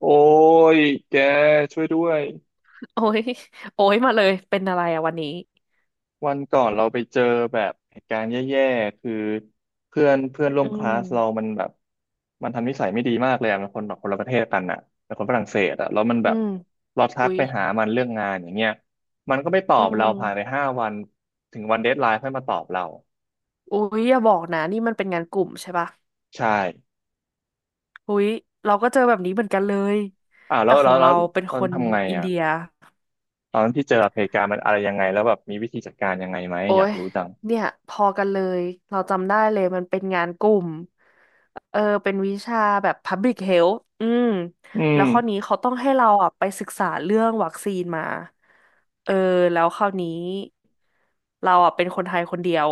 โอ้ยแกช่วยด้วยโอ้ย โอ้ยมาเลยเป็นอะไรอะวันนี้วันก่อนเราไปเจอแบบเหตุการณ์แย่ๆคือเพื่อนเพื่อนร่วอืมคลาสเรามมันแบบมันทำนิสัยไม่ดีมากเลยอะมันคนแบบคนละประเทศกันอ่ะเป็นคนฝรั่งเศสอะแล้วมันแบอืบมเราทัอุ๊กยไปหามันเรื่องงานอย่างเงี้ยมันก็ไม่ตออืบเราผ่านไปมห้าวันถึงวันเดดไลน์ค่อยมาตอบเราอุ๊ยอย่าบอกนะนี่มันเป็นงานกลุ่มใช่ปะใช่อุ๊ยเราก็เจอแบบนี้เหมือนกันเลย อ่าวแล้แต่วขอแล้วงแล้เราวเป็นตอคนนทำไงอินอ่ะเดียตอนที่เจอเหตุการณ์มันอะไรยังไงแล้วแบบมีวิธีจัดการยังไงไหมโอ้อยากยรู้จังเนี่ยพอกันเลยเราจำได้เลยมันเป็นงานกลุ่ม เออเป็นวิชาแบบ Public Health อืมอืมแล้วข้อนี้เขาต้องให้เราอ่ะไปศึกษาเรื่องวัคซีนมาเออแล้วคราวนี้เราอ่ะเป็นคนไทยคนเดียว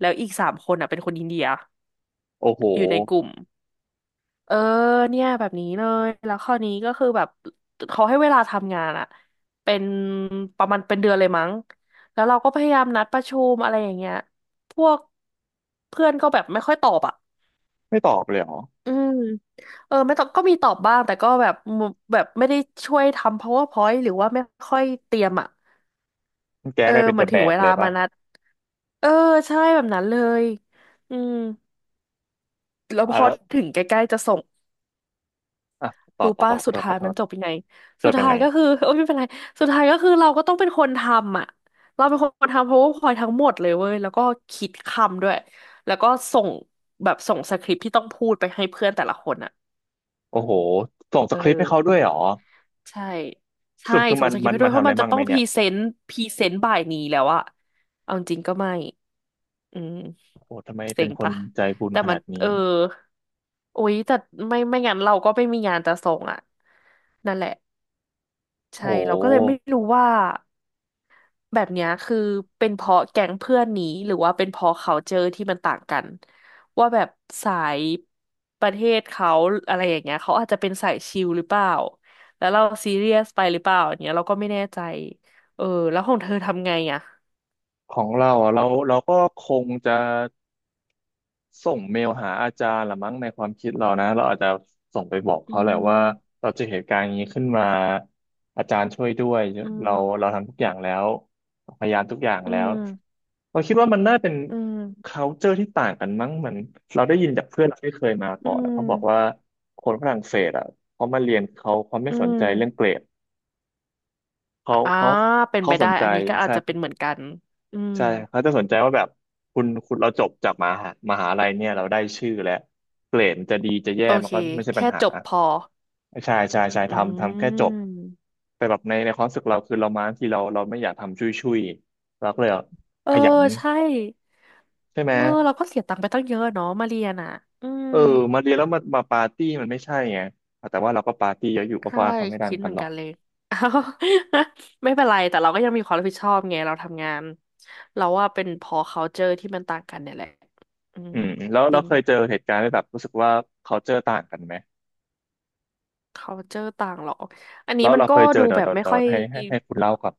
แล้วอีกสามคนอ่ะเป็นคนอินเดียโอ้โหอยู่ในกลุ่มเออเนี่ยแบบนี้เลยแล้วข้อนี้ก็คือแบบเขาให้เวลาทำงานอ่ะเป็นประมาณเป็นเดือนเลยมั้งแล้วเราก็พยายามนัดประชุมอะไรอย่างเงี้ยพวกเพื่อนก็แบบไม่ค่อยตอบอ่ะ ไม่ตอบเลยเหรอ อืมเออไม่ต้องก็มีตอบบ้างแต่ก็แบบมุแบบไม่ได้ช่วยทำ PowerPoint หรือว่าไม่ค่อยเตรียมอ่ะแจ๊เอกอกลายเป็นเหเดมือนอะแบถึงกเวเลลายป่ะมานัดเออใช่แบบนั้นเลยอืมแล้วอ่ะพอแล้วถึงใกล้ๆจะส่งอ่ะต่อรู้ต่อป่ะต่อขอสุดโทษขท้าอยโทมันษจบยังไงจสุดดยังท้าไง ยก็คือ โอ้ยไม่เป็นไรสุดท้ายก็คือเราก็ต้องเป็นคนทำอ่ะเราเป็นคนทำ PowerPoint ทั้งหมดเลยเว้ยแล้วก็คิดคำด้วยแล้วก็ส่งแบบส่งสคริปต์ที่ต้องพูดไปให้เพื่อนแต่ละคนอ่ะโอ้โห ส่งสเออ คริปต์ให้เขาด้วยเหรอใช่สใช่รุปคือส่มังนสคริปมัต์นให้ด้มัวนยเพทำราะอะไรมันจะมั่งต้ไหอมงพเนี่รีย เซนต์พรีเซนต์บ่ายนี้แล้วอะเอาจริงก็ไม่อืมโอ้โหทำไมเซ็เป็นงคนปะใจบุญแต่ขมันานดเอนี้ อโอ๊ยแต่ไม่งั้นเราก็ไม่มีงานจะส่งอะนั่นแหละโอ้โใช่เราก็เลยหไม่รู้ว่า แบบเนี้ยคือเป็นเพราะแก๊งเพื่อนนี้หรือว่าเป็นเพราะเขาเจอที่มันต่างกันว่าแบบสายประเทศเขาอะไรอย่างเงี้ยเขาอาจจะเป็นสายชิลหรือเปล่าแล้วเราซีเรียสไปหรือเปล่าอย่างเงี้ยเราก็ไม่แน่ใจเออแล้วของเธอทำไงอ่ะของเราอ่ะ เราก็คงจะ ส่งเมลหาอาจารย์ละมั้งในความคิดเรานะเราอาจจะส่งไปบอกอืเขาแหละว่ามเราเจอเหตุการณ์อย่างนี้ขึ้นมาอาจารย์ช่วยด้วยอืเรามเราทำทุกอย่างแล้วพยายามทุกอย่างอืแล้วมเราคิดว่ามันน่าเป็น อืม culture ที่ต่างกันมั้งเหมือนเราได้ยินจากเพื่อนเราที่เคยมาอืก่อนอะเขาบอกว่ามคนฝรั่งเศสอ่ะเขามาเรียนเขาไม่อืสนใจมเรื่องเกรดเขาอ่าเขาเป็นเขาไปสได้นใจอันนี้ก็อาจใช่ จะเป็นเหมือนกันอืมใช่เขาจะสนใจว่าแบบคุณเราจบจากมหาลัยเนี่ยเราได้ชื่อแล้วเกรดจะดีจะแย่โอมันเคก็ไม่ใช่ปัญแค่หาจบพอใช่ทำอืแค่จบม แต่แบบในความรู้สึกเราคือเรามาที่เราไม่อยากทำชุยเราก็เลยเออขยันใช่ ใช่ไหมเออเราก็เสียตังค์ไปตั้งเยอะเนาะมาเรียนอ่ะอืมเออมาเรียนแล้วมาปาร์ตี้มันไม่ใช่ไงแต่ว่าเราก็ปาร์ตี้เยอะอยู่ก็ใช่ว่าเขาไม่ดันคิดเหกันมือนหรอกักนเลย อ้าวไม่เป็นไรแต่เราก็ยังมีความรับผิดชอบไงเราทำงานเราว่าเป็นพอ culture ที่มันต่างกันเนี่ยแหละ อืมอืมแล้วจเราริง เคยเจอเหตุการณ์ที่แบบรู้สึกว่าเขาเจอต่างกันไหม culture ต่างหรออันนี้แล้วมันเราก็เคยเจดูอเดี๋ยแบวบเดี๋ยวไม่เดี๋ยวค่อย ให้คุณเล่าก่อน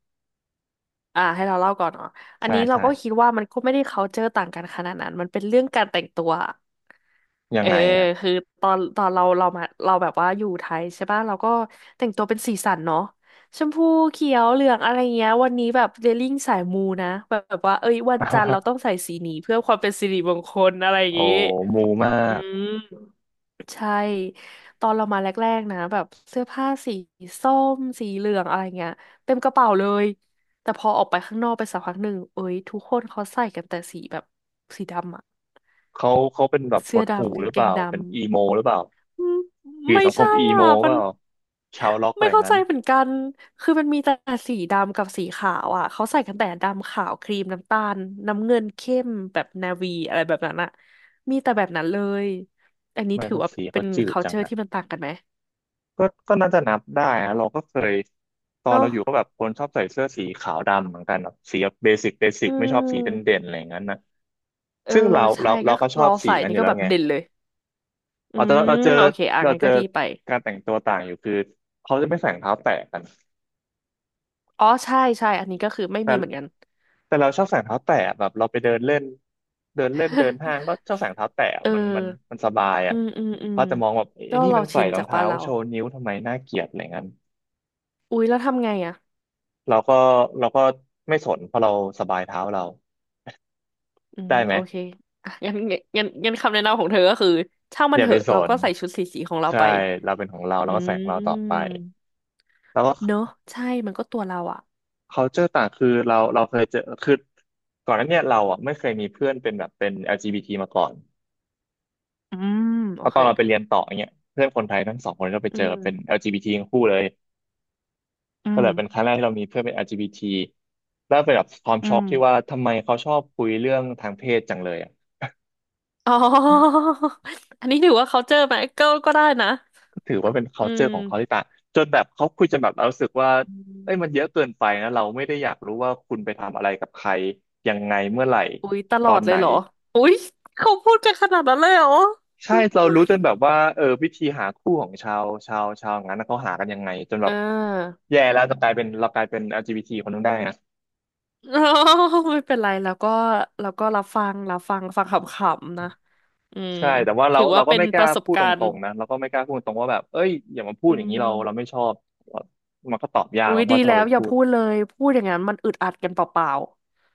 อ่าให้เราเล่าก่อนเนาะอันใช่นี้เราใช่ก็คิดว่ามันก็ไม่ได้ culture ต่างกันขนาดนั้นมันเป็นเรื่องการแต่งตัวยัเองอไงอ่ะ คือตอนเราเรามาเราแบบว่าอยู่ไทยใช่ป่ะเราก็แต่งตัวเป็นสีสันเนาะชมพูเขียวเหลืองอะไรเงี้ยวันนี้แบบเดลิ่งสายมูนะแบบว่าเอ้ยวันจันทร์เรา ต้องใส่สีนี้เพื่อความเป็นสิริมงคลอะไรอย่างโอ้งี้มูมาอืกม ใช่ตอนเรามาแรกๆนะแบบเสื้อผ้าสีส้มสีเหลืองอะไรเงี้ยเต็มกระเป๋าเลยแต่พอออกไปข้างนอกไปสักพักหนึ่งเอ้ยทุกคนเขาใส่กันแต่สีแบบสีดำอะเขาเขาเป็นแบบหเสื้อดหู่ดำกาหงรือเกเปงล่าดเป็นอีโมหรือเปล่าำอืมอยู่ไม่สังคมใช่อีโมอ่ะมัเปนล่าชาวล็อกอะไม่ไรเข้าใจงั้นเหมือนกันคือมันมีแต่สีดำกับสีขาวอ่ะเขาใส่กันแต่ดำขาวครีมน้ำตาลน้ำเงินเข้มแบบนาวีอะไรแบบนั้นอะมีแต่แบบนั้นเลยอันทำนี้ไม่ถือภาว่าษีเป็เขาน จืดจัง culture อ่ะที่มันต่างกันไหม ก็น่าจะนับได้นะเราก็เคยตอนเนาะเราอยู่ก็แบบคนชอบใส่เสื้อสีขาวดำเหมือนกันแบบสีเบสิกเบสิอืกไม่ชอบสีเด่นๆมอะไรอย่างนั้นนะเออซึ่งเราใช่เราเราก็ก็คือชอเราบสีใส่กันอนี่ยู่ก็แล้แบวบไงเด่นเลย อืเอาแต่เรามเราเจอโอเคอ่ะเรางั้นเจก็อดีไปการแต่งตัวต่างอยู่คือเขาจะไม่ใส่รองเท้าแตะกันอ๋อใช่ใช่อันนี้ก็คือไม่แต่ มีเหมือนกัน แต่เราชอบใส่รองเท้าแตะแบบเราไปเดินเล่นเดินเล่นเดินห้างก็ชอบใส่รองเท้า แตะเออมันมันมันสบายอือ่ะมอืมอืมเขาจะมองแบบไอ้ก็นี่เรามันใส่ชินรอจางกบ้าเท้านเราโชว์นิ้วทำไมน่าเกลียดอะไรเงี้ยอุ๊ยแล้วทำไงอ่ะเราก็เราก็ไม่สนเพราะเราสบายเท้าเราอืมได้ไหมโอเคอ่ะงั้นคำแนะนำของเธอก็คือช่างอมันย่าเถไปอะสเรานก็ใส่ชุดสีสีของเราใช่ไป เราเป็นของเราเราอืก็ใส่ของเราต่อไปมแล้วก็ เนอะใช่มันก็ตัวเราอ่ะ culture ต่างคือเราเคยเจอคือก่อนหน้าเนี้เราอ่ะไม่เคยมีเพื่อนเป็นแบบเป็น LGBT มาก่อนอืมเพโอราะตเคอนเราไปเรียนต่อเนี้ยเพื่อนคนไทยทั้งสองคนก็ไปอืเจอเป็น ม LGBT ททั้งคู่เลย อืก็เลมยเป็นครั้งแรกที่เรามีเพื่อนเป็น LGBT แล้วเป็นแบบความอืช็อกม ที่ว่าทำไมเขาชอบคุยเรื่องทางเพศจังเลยอ่ะอ๋อ อันนี้ถือว่าเขาเจอไหมก็ก็ได้นะก็ถือว่าเป็น อื culture มของเขาที่ต่างจนแบบเขาคุยจนแบบเรารู้สึกว่าอืเอ้ยมันเยมอะเกินไปนะเราไม่ได้อยากรู้ว่าคุณไปทำอะไรกับใครยังไงเมื่อไหร่อุ๊ยตตลออดนเลไหนยเหรอ อุ๊ยเขาพูดกันขนาดนั้นเลยเหรอใช่เรารู้จนแบบว่าเออวิธีหาคู่ของชาวงั้นนะเขาหากันยังไงจนแบอ่บาแย่แล้วจะกลายเป็นเรากลายเป็น LGBT คนนึงได้นะ อ๋อ ไม่เป็นไรแล้วก็แล้วก็รับฟังรับฟังฟังขำๆนะ อืมใช่แต่ว่าเราถือเราว่าก็เป็นไม่กปล้าระสบพูดกาตรรณ์งๆนะเราก็ไม่กล้าพูดตรงว่าแบบเอ้ยอย่ามาพูอืดอย่างนี้เราไม่มชอบมันก็ตอบยากอุ๊นะยเพดีราะถ้าเราแล้วไปอย่าพูดพูดเลยพูดอย่างนั้นมันอึดอัดกันเปล่า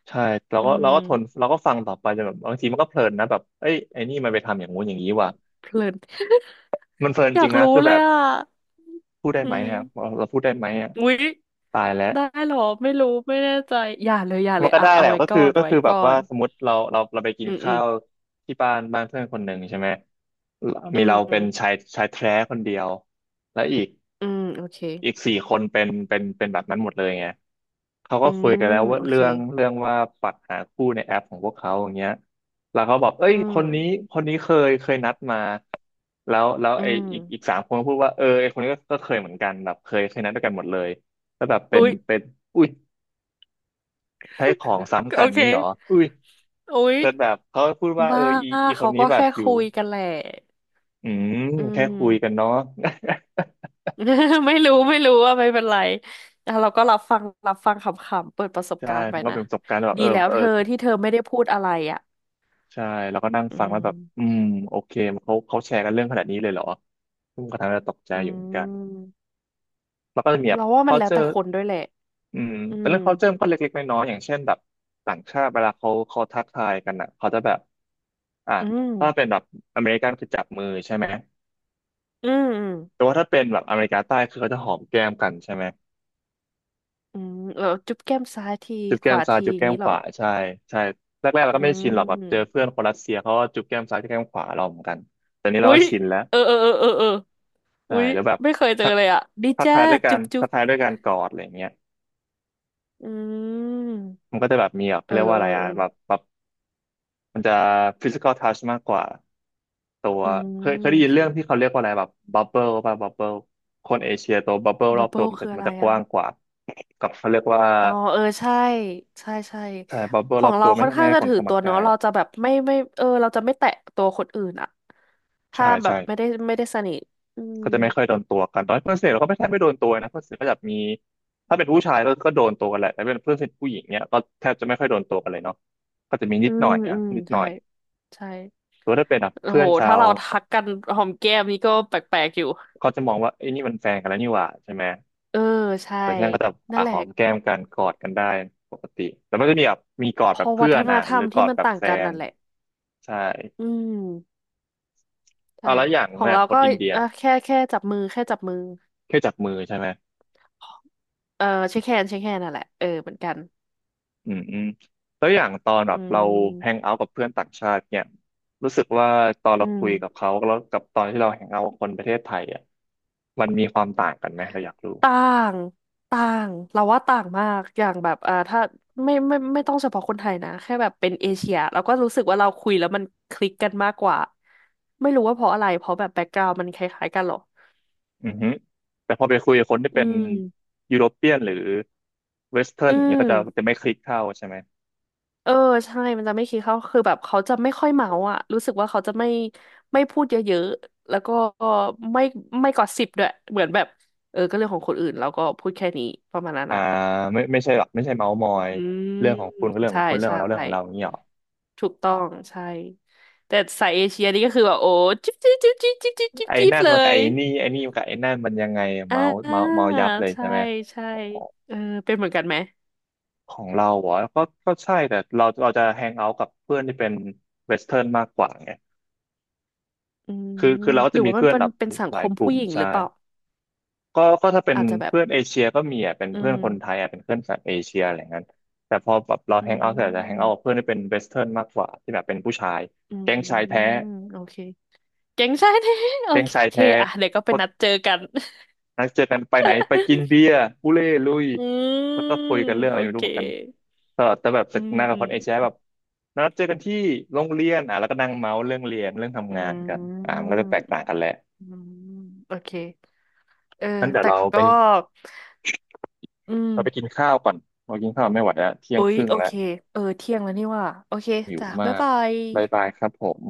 ใช่เราๆ อืก็เรามก็ทนเราก็ฟังต่อไปจนแบบบางทีมันก็เพลินนะแบบเอ้ยไอ้นี่มันไปทำอย่างงู้นอย่างนี้ว่ะเพลิน มันเพลิ นอยาจริกงนะรู้คือเลแบยบอ่ะพูดได้อืไหมมอ่ะเราพูดได้ไหมอ่ะอุ๊ย ตายแล้วได้หรอไม่รู้ไม่แน่ใจอย่าเลยอย่าเลมันยก็อ่ะได้เอาแหละไว้ก็ก่คืออนก็เอาไว้คือแบก่บอว่านสมมติเราไปกิอืนมอืข้ามวที่บ้านเพื่อนคนหนึ่งใช่ไหมอืมีเราเป็นชามยชายแท้คนเดียวและอีก อืมโอเคสี่คนเป็นแบบนั้นหมดเลยไงเขาอืก็คุยกัมนแล้วว่าโอเคเรื่องว่าปัดหาคู่ในแอปของพวกเขาอย่างเงี้ยแล้วเขาบอกเอ้อืยมคนนี้เคยนัดมา แล้วอืมอีกสามคนก็พูดว่าเออไอคนนี้ก็เคยเหมือนกันแบบเคยนัดด้วยกันหมดเลยแล้วแบบเป็นอุ๊ยเป็นอุ้ยใช้ของซ้ำกัโอนเคงี้เหรออุ้ยอุ๊ยแต่แบบเขาพูดว่าเอบ้าออีคเขานนี้ก็แบบแค่อยู่คุยกันแหละอืมอืแค่ม คุยกันเนาะ ไม่รู้ไม่รู้ว่าไม่เป็นไรอ่ะเราก็รับฟังรับฟังขำๆเปิดประสบใช่การณ์ไปมันก็นะเป็นประสบการณ์แบบดีแล้วเธอที่เธอไม่ได้พูดอะไรอ่ะใช่แล้วก็นั่งอืฟังแล้มวแบบอืมโอเคเขาแชร์กันเรื่องขนาดนี้เลยเหรอซึ่งก็ทำให้เราตกใจอือยู่เหมือนกันมแล้วก็จะมีแบบ เราว่ามันแล้วแต่ culture คนด้วยแหละอืมอืเป็นมเรื่อง culture มันก็เล็กๆน้อยๆอย่างเช่นแบบต่างชาติเวลาเขาทักทายกันอ่ะเขาจะแบบอ่ะอืม ถ้าเป็นแบบอเมริกันคือจับมือใช่ไหมอืมแต่ว่าถ้าเป็นแบบอเมริกาใต้คือเขาจะหอมแก้มกันใช่ไหมอืมเออจุ๊บแก้มซ้ายทีจุ๊บขแก้มวาซ้ายทีจุ๊อบย่างแก้มนี้ขเหรอวาใช่ใช่แรกๆเราอืก็ไม่ชินหรอกแบบเจอเพื่อมนคนรัสเซียเขาก็จุ๊บแก้มซ้ายจุ๊บแก้มขวาเราเหมือนกันแต่นี้เราอุ๊ก็ยชินแล้ว เออเออเออเออเออใช่อุ๊ยแล้วแบบไม่เคยเจอทักเลยอ่ะดีจ้าจุ๊บจุ๊ทับกทายด้วยการกอดอะไรอย่างเงี้ยอืมมันก็จะแบบมีแบบเอเขาอเรียกว่าเออะอไรอะเออแบบมันจะ physical touch มากกว่าตัวอืเคมยได้โอยินเคเรื่องที่เขาเรียกว่าอะไรแบบ bubble ป่ะ bubble คนเอเชียตัว bubble รบัอบบเบิตัวลคืออะมันไรจะกอ่ะว้างกว่ากับเขาเรียกว่าอ๋อเออใช่ใช่ใช่ใช่ ข bubble รอองบเราตัวไม่ค่อนใช่ไม่ข้างให้จะคนถือเข้าตัมาวใกล้เนาะเราจะแบบไม่เออเราจะไม่แตะตัวคนอื่นอ่ะใช่ถ้าแบใช่ บไม่ได้สนิทอืมก็จะไม่ค่อยโดนตัวกันตอนเพื่อนสนิทเราก็ไม่แทบไม่โดนตัวนะเพื่อนสนิทก็จะมีถ้าเป็นผู้ชายก็โดนตัวกันแหละแต่เป็นเพื่อนสนิทผู้หญิงเนี่ยก็แทบจะไม่ค่อยโดนตัวกันเลยเนาะก็จะมีนิอืดหมน่อยอะอืมนิดหน่ใช่อยใช่ แต่ว่าถ้าเป็นแบบโอ้เพื่โหอนชาถ้าวเราทักกันหอมแก้มนี่ก็แปลกๆอยู่ก็จะมองว่าไอ้ยนี่มันแฟนกันแล้วนี่หว่าใช่ไหมเออใช่ แต่ที่นั่นก็จะนั่อ่ะนแหหละอมแก้มกันกอดกันได้ปกติแต่ไม่ได้มีแบบมีกอดพแบบอเพื่วัอฒนนอ่ะธรหรรืมอกอที่ดมันแบบต่างแฟกันนนั่นแหละใช่อืมใช่เอาแล้วอย่างของเนี่ยเราคนก็อินเดียอ่ะแค่จับมือแค่จับมือแค่จับมือใช่ไหม เออเช็คแฮนด์เช็คแฮนด์นั่นแหละเออเหมือนกันอืมอืมแล้วอย่างตอนแบอืบเราแฮงมเอาท์กับเพื่อนต่างชาติเนี่ยรู้สึกว่าตอนอืเราคุยกับมเขาแล้วกับตอนที่เราแฮงเอาท์กับคนประเทศไทยอ่ะมันมีความต่างกันไหมเราอยากรู้ต่างต่างเราว่าต่างมากอย่างแบบอ่าถ้าไม่ต้องเฉพาะคนไทยนะแค่แบบเป็นเอเชียเราก็รู้สึกว่าเราคุยแล้วมันคลิกกันมากกว่าไม่รู้ว่าเพราะอะไรเพราะแบบแบ็กกราว n d มันคล้ายๆกันเหรอ อือฮึแต่พอไปคุยกับคนที่อืเป็นมยุโรเปียนหรือเวสเทิร์นอือย่างเงี้ยมก็จะไม่คลิกเข้าใช่ไหมเออใช่มันจะไม่คิดเขาคือแบบเขาจะไม่ค่อยเมาอ่ะรู้สึกว่าเขาจะไม่พูดเยอะๆแล้วก็ไม่ไม่กอสซิปด้วยเหมือนแบบเออก็เรื่องของคนอื่นแล้วก็พูดแค่นี้ประมาณนั้นอ่าอ่ะไม่ใช่หรอกไม่ใช่เมาส์มอยอืมเรื่องของคุณก็เรื่องขอใช่งคุณเรื่องขอใช่งเราเรื่องของเราอย่างเงี้ยหรอถูกต้องใช่แต่สายเอเชียนี่ก็คือแบบโอ้จิ๊บจิ๊บจิ๊บจิ๊บจิ๊บจิ๊บจิ๊บไอ้จิ๊บนั่นเลมันกับยไอ้นี่มันกับไอ้นั่นมันยังไงอ่เมาส์าเมายับเลยใช่ใช่ไหม ใช่เออเป็นเหมือนกันไหมของเราเหรอก็ใช่แต่เราจะแฮงเอาท์กับเพื่อนที่เป็นเวสเทิร์นมากกว่าไงอืคืมอคือเราก็หรืจะอมีว่ามันเพื่อนเป็นแบบเป็นสังหคลายมกผู้ลุ่มหญิงหรือใช่เปล่าก็ถ้าเป็นอาจจะแบบ เพื่อนเอเชียก็มีอ่ะเป็นอืเพื่อนมคนไทยอ่ะเป็นเพื่อนแบบเอเชียอะไรเงี้ยแต่พอแบบเราอืแฮงเอาท์เสร็จจะแฮงเอาท์กับมเพื่อนที่เป็นเวสเทิร์นมากกว่าที่แบบเป็นผู้ชายอืแก๊งชายแท้มโอเคเก่งใช่ไหมโอแก๊งชายเคแท้ อ่ะเดี๋ยวก็ไปนัดเจอกัน นัดเจอกันไปไหนไปกินเบียร์อุเล่ลุยอืมแล้วก็คุยกันเรื่องโออะไรไม่เครู้เหมือนกันแต่แบบสอืนทม นากับอืคม นเอเชียแบบนัดเจอกันที่โรงเรียนอ่ะแล้วก็นั่งเมาส์เรื่องเรียนเรื่องอืทำงานกันอ่ามัม นก็จะแตกต่างกันแหละอืมโอเคเอองั้นเดี๋ยวแต่ก็อืมเราไปกินข้าวก่อนเรากินข้าวไม่ไหวแล้วเที่ยงโอ๊คยรึ่งโอแล้วเคเออเที่ยงแล้วนี่ว่าโอเคหิวจ้ะบ๊ายมากบายบายบายครับผม